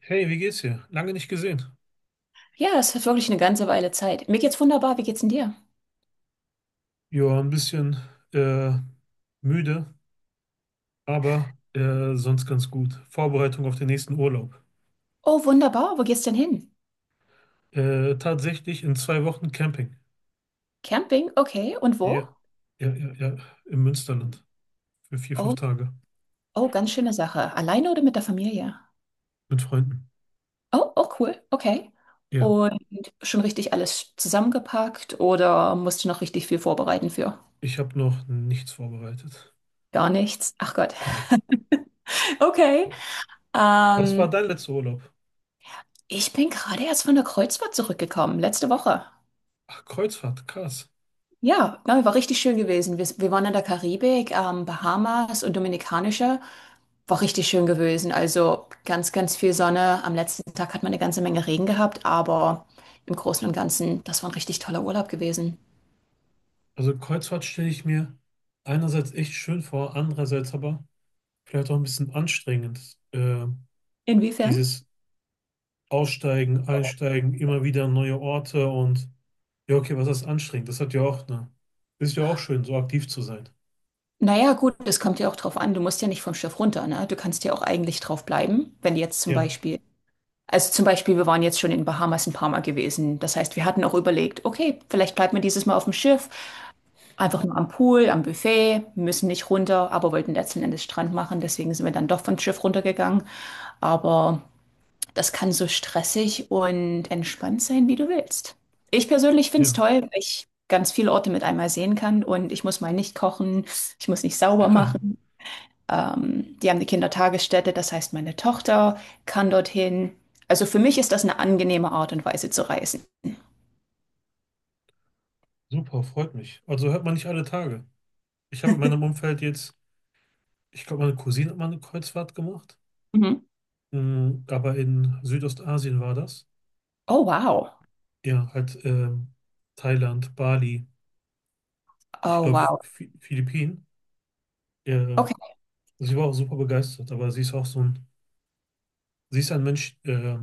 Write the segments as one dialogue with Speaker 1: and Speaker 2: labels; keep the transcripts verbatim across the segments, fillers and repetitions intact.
Speaker 1: Hey, wie geht's dir? Lange nicht gesehen.
Speaker 2: Ja, das ist wirklich eine ganze Weile Zeit. Mir geht's wunderbar. Wie geht's denn dir?
Speaker 1: Ja, ein bisschen äh, müde, aber äh, sonst ganz gut. Vorbereitung auf den nächsten Urlaub.
Speaker 2: Oh, wunderbar. Wo geht's denn hin?
Speaker 1: Äh, tatsächlich in zwei Wochen Camping.
Speaker 2: Camping? Okay. Und wo?
Speaker 1: Ja, ja, ja, ja, im Münsterland für vier, fünf
Speaker 2: Oh,
Speaker 1: Tage
Speaker 2: oh, ganz schöne Sache. Alleine oder mit der Familie?
Speaker 1: mit Freunden.
Speaker 2: Oh, oh, cool. Okay.
Speaker 1: Ja,
Speaker 2: Und schon richtig alles zusammengepackt oder musst du noch richtig viel vorbereiten für?
Speaker 1: ich habe noch nichts vorbereitet.
Speaker 2: Gar nichts. Ach Gott.
Speaker 1: Genau.
Speaker 2: Okay.
Speaker 1: Was war
Speaker 2: Ähm,
Speaker 1: dein letzter Urlaub?
Speaker 2: ich bin gerade erst von der Kreuzfahrt zurückgekommen. Letzte Woche.
Speaker 1: Ach, Kreuzfahrt, krass.
Speaker 2: Ja, nein, war richtig schön gewesen. Wir, wir waren in der Karibik, ähm, Bahamas und Dominikanische. War richtig schön gewesen. Also ganz, ganz viel Sonne. Am letzten Tag hat man eine ganze Menge Regen gehabt, aber im Großen und Ganzen, das war ein richtig toller Urlaub gewesen.
Speaker 1: Also Kreuzfahrt stelle ich mir einerseits echt schön vor, andererseits aber vielleicht auch ein bisschen anstrengend. Äh,
Speaker 2: Inwiefern?
Speaker 1: Dieses Aussteigen, Einsteigen, immer wieder neue Orte, und ja, okay, was ist anstrengend? Das hat ja auch eine, ist ja auch schön, so aktiv zu sein.
Speaker 2: Naja, gut, das kommt ja auch drauf an. Du musst ja nicht vom Schiff runter, ne? Du kannst ja auch eigentlich drauf bleiben, wenn jetzt zum
Speaker 1: Ja,
Speaker 2: Beispiel. Also zum Beispiel, wir waren jetzt schon in Bahamas ein paar Mal gewesen. Das heißt, wir hatten auch überlegt, okay, vielleicht bleibt man dieses Mal auf dem Schiff. Einfach nur am Pool, am Buffet, müssen nicht runter, aber wollten letzten Endes Strand machen. Deswegen sind wir dann doch vom Schiff runtergegangen. Aber das kann so stressig und entspannt sein, wie du willst. Ich persönlich finde es
Speaker 1: ja,
Speaker 2: toll, weil ich ganz viele Orte mit einmal sehen kann und ich muss mal nicht kochen, ich muss nicht sauber machen. Ähm, die haben eine Kindertagesstätte, das heißt, meine Tochter kann dorthin. Also für mich ist das eine angenehme Art und Weise zu reisen.
Speaker 1: super, freut mich. Also hört man nicht alle Tage. Ich habe in meinem Umfeld jetzt, ich glaube, meine Cousine hat mal eine Kreuzfahrt gemacht.
Speaker 2: Mhm.
Speaker 1: Mm, aber in Südostasien war das.
Speaker 2: Oh, wow.
Speaker 1: Ja, halt ähm, Thailand, Bali, ich
Speaker 2: Oh,
Speaker 1: glaube,
Speaker 2: wow.
Speaker 1: Phi- Philippinen. Ja,
Speaker 2: Okay.
Speaker 1: sie war auch super begeistert, aber sie ist auch so ein, sie ist ein Mensch, äh,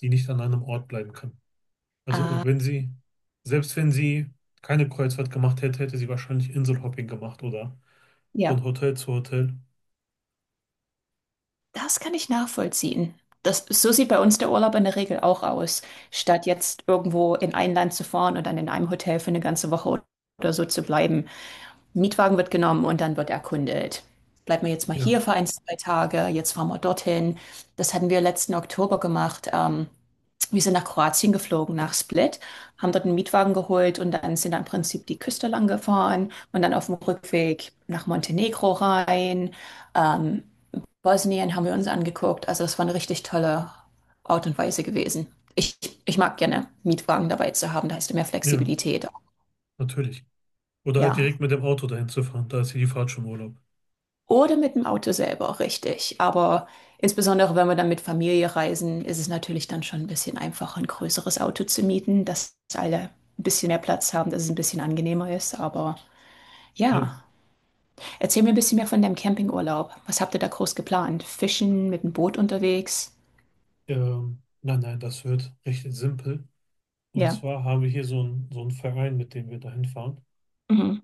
Speaker 1: die nicht an einem Ort bleiben kann. Also
Speaker 2: Ah,
Speaker 1: wenn sie, selbst wenn sie keine Kreuzfahrt gemacht hätte, hätte sie wahrscheinlich Inselhopping gemacht oder
Speaker 2: ja.
Speaker 1: von Hotel zu Hotel.
Speaker 2: Das kann ich nachvollziehen. Das, so sieht bei uns der Urlaub in der Regel auch aus. Statt jetzt irgendwo in ein Land zu fahren und dann in einem Hotel für eine ganze Woche oder so zu bleiben. Mietwagen wird genommen und dann wird erkundet. Bleiben wir jetzt mal hier
Speaker 1: Ja,
Speaker 2: für ein, zwei Tage, jetzt fahren wir dorthin. Das hatten wir letzten Oktober gemacht. Ähm, wir sind nach Kroatien geflogen, nach Split, haben dort einen Mietwagen geholt und dann sind dann im Prinzip die Küste lang gefahren und dann auf dem Rückweg nach Montenegro rein. Ähm, Bosnien haben wir uns angeguckt. Also das war eine richtig tolle Art und Weise gewesen. Ich, ich mag gerne Mietwagen dabei zu haben, da hast du mehr
Speaker 1: ja,
Speaker 2: Flexibilität.
Speaker 1: natürlich. Oder halt direkt
Speaker 2: Ja.
Speaker 1: mit dem Auto dahin zu fahren, da ist ja die Fahrt schon Urlaub.
Speaker 2: Oder mit dem Auto selber, richtig. Aber insbesondere wenn wir dann mit Familie reisen, ist es natürlich dann schon ein bisschen einfacher, ein größeres Auto zu mieten, dass alle ein bisschen mehr Platz haben, dass es ein bisschen angenehmer ist. Aber ja,
Speaker 1: Ja,
Speaker 2: erzähl mir ein bisschen mehr von deinem Campingurlaub. Was habt ihr da groß geplant? Fischen, mit dem Boot unterwegs?
Speaker 1: ähm, nein, nein, das wird recht simpel. Und
Speaker 2: Ja.
Speaker 1: zwar haben wir hier so einen so einen Verein, mit dem wir dahin fahren.
Speaker 2: Mhm.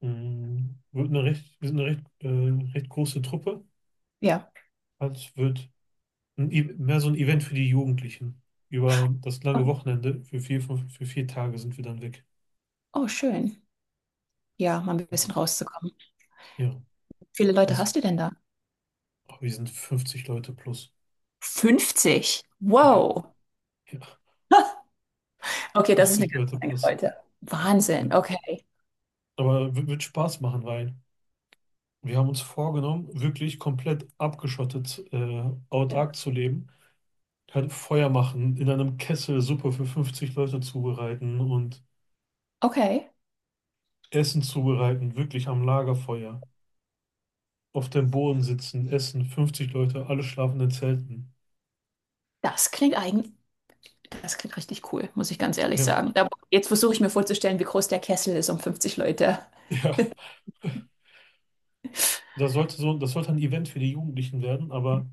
Speaker 1: Mm, Wird eine recht, wir sind eine recht, äh, recht große Truppe.
Speaker 2: Ja.
Speaker 1: Also es wird ein, E- mehr so ein Event für die Jugendlichen. Über das lange
Speaker 2: Okay.
Speaker 1: Wochenende, für vier, fünf, für vier Tage sind wir dann weg.
Speaker 2: Oh, schön. Ja, mal ein
Speaker 1: Genau.
Speaker 2: bisschen rauszukommen.
Speaker 1: Ja,
Speaker 2: Wie viele Leute
Speaker 1: passt.
Speaker 2: hast du denn da?
Speaker 1: Oh, wir sind fünfzig Leute plus.
Speaker 2: fünfzig.
Speaker 1: Ja,
Speaker 2: Wow.
Speaker 1: ja,
Speaker 2: Okay, das ist eine
Speaker 1: fünfzig
Speaker 2: ganze
Speaker 1: Leute
Speaker 2: Menge
Speaker 1: plus.
Speaker 2: Leute.
Speaker 1: Ja.
Speaker 2: Wahnsinn, okay.
Speaker 1: Aber w- wird Spaß machen, weil wir haben uns vorgenommen, wirklich komplett abgeschottet, äh,
Speaker 2: Ja.
Speaker 1: autark zu leben. Halt Feuer machen, in einem Kessel Suppe für fünfzig Leute zubereiten und
Speaker 2: Okay,
Speaker 1: Essen zubereiten, wirklich am Lagerfeuer. Auf dem Boden sitzen, essen, fünfzig Leute, alle schlafen in Zelten.
Speaker 2: das klingt eigentlich, das klingt richtig cool, muss ich ganz ehrlich
Speaker 1: Ja,
Speaker 2: sagen. Da, jetzt versuche ich mir vorzustellen, wie groß der Kessel ist um fünfzig Leute.
Speaker 1: ja. Das sollte so, das sollte ein Event für die Jugendlichen werden, aber.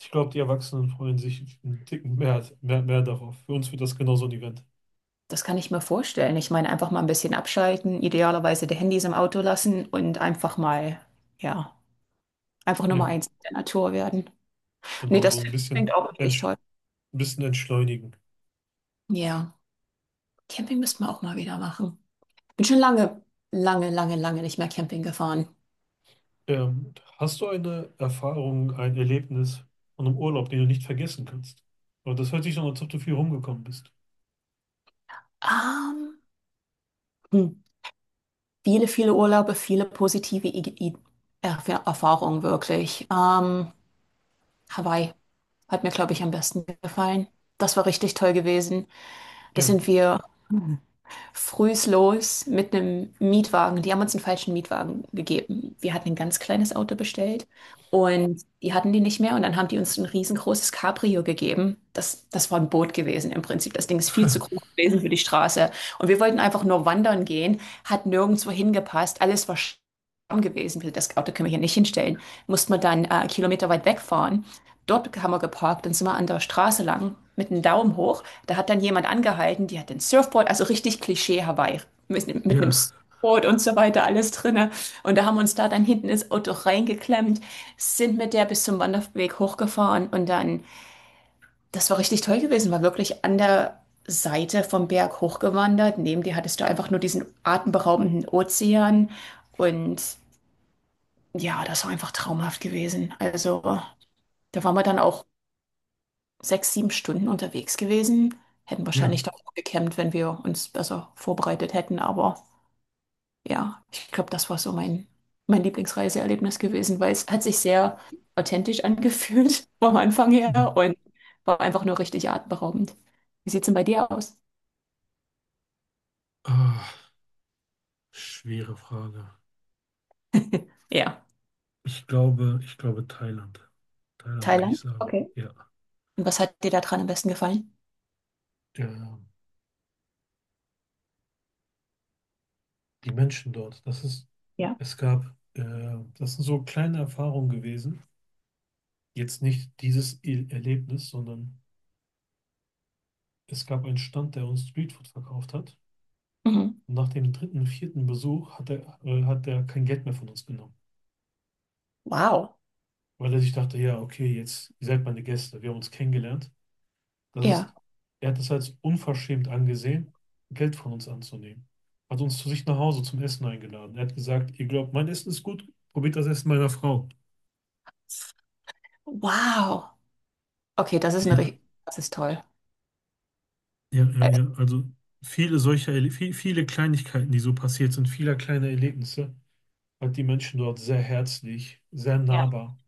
Speaker 1: Ich glaube, die Erwachsenen freuen sich einen Ticken mehr, mehr, mehr darauf. Für uns wird das genau so ein Event.
Speaker 2: Das kann ich mir vorstellen. Ich meine, einfach mal ein bisschen abschalten, idealerweise die Handys im Auto lassen und einfach mal, ja, einfach Nummer
Speaker 1: Ja,
Speaker 2: eins in der Natur werden. Nee,
Speaker 1: genau
Speaker 2: das
Speaker 1: so ein
Speaker 2: klingt
Speaker 1: bisschen,
Speaker 2: auch richtig
Speaker 1: entsch
Speaker 2: toll.
Speaker 1: ein bisschen entschleunigen.
Speaker 2: Ja, Camping müssten wir auch mal wieder machen. Bin schon lange, lange, lange, lange nicht mehr Camping gefahren.
Speaker 1: Ähm, hast du eine Erfahrung, ein Erlebnis von einem Urlaub, den du nicht vergessen kannst? Aber das hört sich so an, als ob du viel rumgekommen bist.
Speaker 2: Ähm, hm. Viele, viele Urlaube, viele positive I I Erf- Erfahrungen wirklich. Ähm, Hawaii hat mir, glaube ich, am besten gefallen. Das war richtig toll gewesen. Da
Speaker 1: Ja,
Speaker 2: sind wir. Frühs los mit einem Mietwagen. Die haben uns einen falschen Mietwagen gegeben. Wir hatten ein ganz kleines Auto bestellt und die hatten die nicht mehr. Und dann haben die uns ein riesengroßes Cabrio gegeben. Das, das war ein Boot gewesen im Prinzip. Das Ding ist viel zu groß gewesen für die Straße. Und wir wollten einfach nur wandern gehen, hat nirgendwo hingepasst. Alles war arm gewesen. Das Auto können wir hier nicht hinstellen. Mussten wir dann äh, Kilometer weit wegfahren. Dort haben wir geparkt und sind wir an der Straße lang mit dem Daumen hoch, da hat dann jemand angehalten, die hat den Surfboard, also richtig Klischee Hawaii, mit, mit einem
Speaker 1: ja,
Speaker 2: Surfboard und so weiter, alles drinne. Und da haben wir uns da dann hinten ins Auto reingeklemmt, sind mit der bis zum Wanderweg hochgefahren und dann, das war richtig toll gewesen, war wirklich an der Seite vom Berg hochgewandert. Neben dir hattest du einfach nur diesen atemberaubenden Ozean und ja, das war einfach traumhaft gewesen. Also da waren wir dann auch sechs, sieben Stunden unterwegs gewesen. Hätten
Speaker 1: ja.
Speaker 2: wahrscheinlich doch noch gecampt, wenn wir uns besser vorbereitet hätten. Aber ja, ich glaube, das war so mein, mein Lieblingsreiseerlebnis gewesen, weil es hat sich sehr authentisch angefühlt vom Anfang her
Speaker 1: Mhm.
Speaker 2: und war einfach nur richtig atemberaubend. Wie sieht's denn bei dir aus?
Speaker 1: Ah, schwere Frage.
Speaker 2: Ja.
Speaker 1: Ich glaube, ich glaube Thailand. Thailand würde ich
Speaker 2: Thailand?
Speaker 1: sagen.
Speaker 2: Okay.
Speaker 1: Ja.
Speaker 2: Und was hat dir da dran am besten gefallen?
Speaker 1: Ja, die Menschen dort. Das ist,
Speaker 2: Ja.
Speaker 1: es gab, äh, Das sind so kleine Erfahrungen gewesen. Jetzt nicht dieses E- Erlebnis, sondern es gab einen Stand, der uns Streetfood verkauft hat.
Speaker 2: Mhm.
Speaker 1: Und nach dem dritten, vierten Besuch hat er, äh, hat er kein Geld mehr von uns genommen,
Speaker 2: Wow.
Speaker 1: weil er sich dachte, ja, okay, jetzt, ihr seid meine Gäste, wir haben uns kennengelernt. Das ist,
Speaker 2: Ja.
Speaker 1: Er hat es als unverschämt angesehen, Geld von uns anzunehmen. Hat uns zu sich nach Hause zum Essen eingeladen. Er hat gesagt, ihr glaubt, mein Essen ist gut, probiert das Essen meiner Frau.
Speaker 2: Wow. Okay, das ist eine,
Speaker 1: Ja.
Speaker 2: ri- das ist toll.
Speaker 1: Ja, ja, ja. Also viele solcher, Erle- viel, viele Kleinigkeiten, die so passiert sind, viele kleine Erlebnisse, hat die Menschen dort sehr herzlich, sehr nahbar.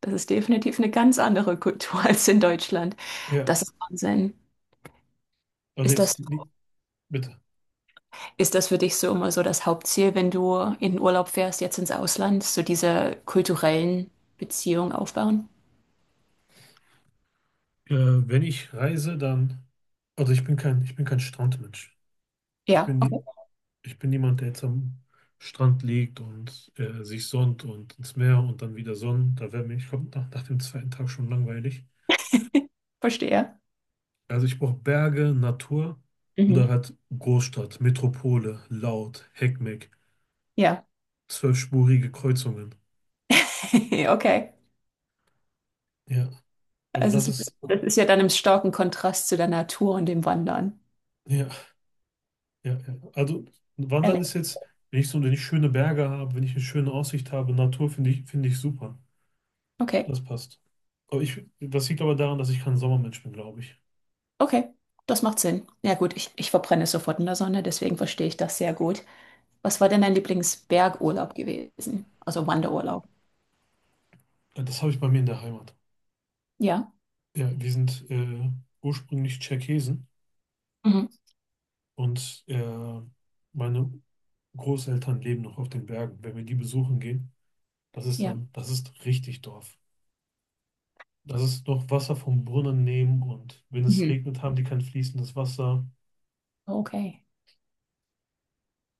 Speaker 2: Das ist definitiv eine ganz andere Kultur als in Deutschland.
Speaker 1: Ja.
Speaker 2: Das ist Wahnsinn.
Speaker 1: Und
Speaker 2: Ist
Speaker 1: jetzt,
Speaker 2: das,
Speaker 1: ni- bitte.
Speaker 2: ist das für dich so immer so das Hauptziel, wenn du in den Urlaub fährst, jetzt ins Ausland, so diese kulturellen Beziehungen aufbauen?
Speaker 1: Äh, Wenn ich reise, dann, also ich bin kein, ich bin kein Strandmensch. Ich
Speaker 2: Ja,
Speaker 1: bin
Speaker 2: okay,
Speaker 1: nie, Ich bin niemand, der jetzt am Strand liegt und äh, sich sonnt und ins Meer und dann wieder sonnt. Da wäre mir, ich glaube, nach, nach dem zweiten Tag schon langweilig.
Speaker 2: verstehe.
Speaker 1: Also ich brauche Berge, Natur oder
Speaker 2: Mhm.
Speaker 1: halt Großstadt, Metropole, laut, Heckmeck,
Speaker 2: Ja,
Speaker 1: zwölfspurige Kreuzungen.
Speaker 2: okay.
Speaker 1: Ja, also
Speaker 2: Also
Speaker 1: das
Speaker 2: es ist,
Speaker 1: ist,
Speaker 2: das ist ja dann im starken Kontrast zu der Natur und dem Wandern.
Speaker 1: ja, ja, ja. Also Wandern ist
Speaker 2: Ehrlich.
Speaker 1: jetzt, wenn ich so, wenn ich schöne Berge habe, wenn ich eine schöne Aussicht habe, Natur finde ich, finde ich super.
Speaker 2: Okay,
Speaker 1: Das passt. Aber ich, das liegt aber daran, dass ich kein Sommermensch bin, glaube ich.
Speaker 2: okay, das macht Sinn. Ja gut, ich, ich verbrenne sofort in der Sonne, deswegen verstehe ich das sehr gut. Was war denn dein Lieblingsbergurlaub gewesen? Also Wanderurlaub.
Speaker 1: Das habe ich bei mir in der Heimat.
Speaker 2: Ja.
Speaker 1: Ja, wir sind äh, ursprünglich Tscherkesen.
Speaker 2: Mhm.
Speaker 1: Und äh, meine Großeltern leben noch auf den Bergen. Wenn wir die besuchen gehen, das ist
Speaker 2: Ja.
Speaker 1: dann, das ist richtig Dorf. Das ist noch Wasser vom Brunnen nehmen, und wenn es
Speaker 2: Mhm.
Speaker 1: regnet, haben die kein fließendes Wasser.
Speaker 2: Okay.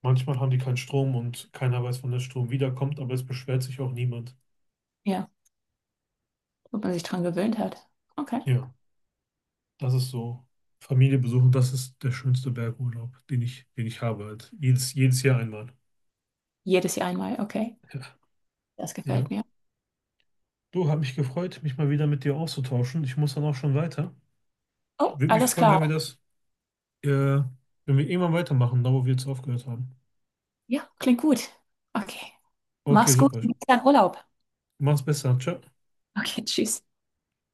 Speaker 1: Manchmal haben die keinen Strom und keiner weiß, wann der Strom wiederkommt, aber es beschwert sich auch niemand.
Speaker 2: Ja. Wo man sich dran gewöhnt hat. Okay.
Speaker 1: Ja, das ist so. Familie besuchen, das ist der schönste Bergurlaub, den ich, den ich habe halt. Jedes, jedes Jahr einmal.
Speaker 2: Jedes Jahr einmal. Okay.
Speaker 1: Ja.
Speaker 2: Das
Speaker 1: Ja.
Speaker 2: gefällt mir.
Speaker 1: Du, hat mich gefreut, mich mal wieder mit dir auszutauschen. Ich muss dann auch schon weiter.
Speaker 2: Oh,
Speaker 1: Würde mich
Speaker 2: alles
Speaker 1: freuen,
Speaker 2: klar.
Speaker 1: wenn wir das Äh, wenn wir irgendwann weitermachen, da wo wir jetzt aufgehört haben.
Speaker 2: Ja, klingt gut. Okay.
Speaker 1: Okay,
Speaker 2: Mach's gut.
Speaker 1: super.
Speaker 2: Bis dann Urlaub.
Speaker 1: Mach's besser. Ciao.
Speaker 2: Okay, tschüss.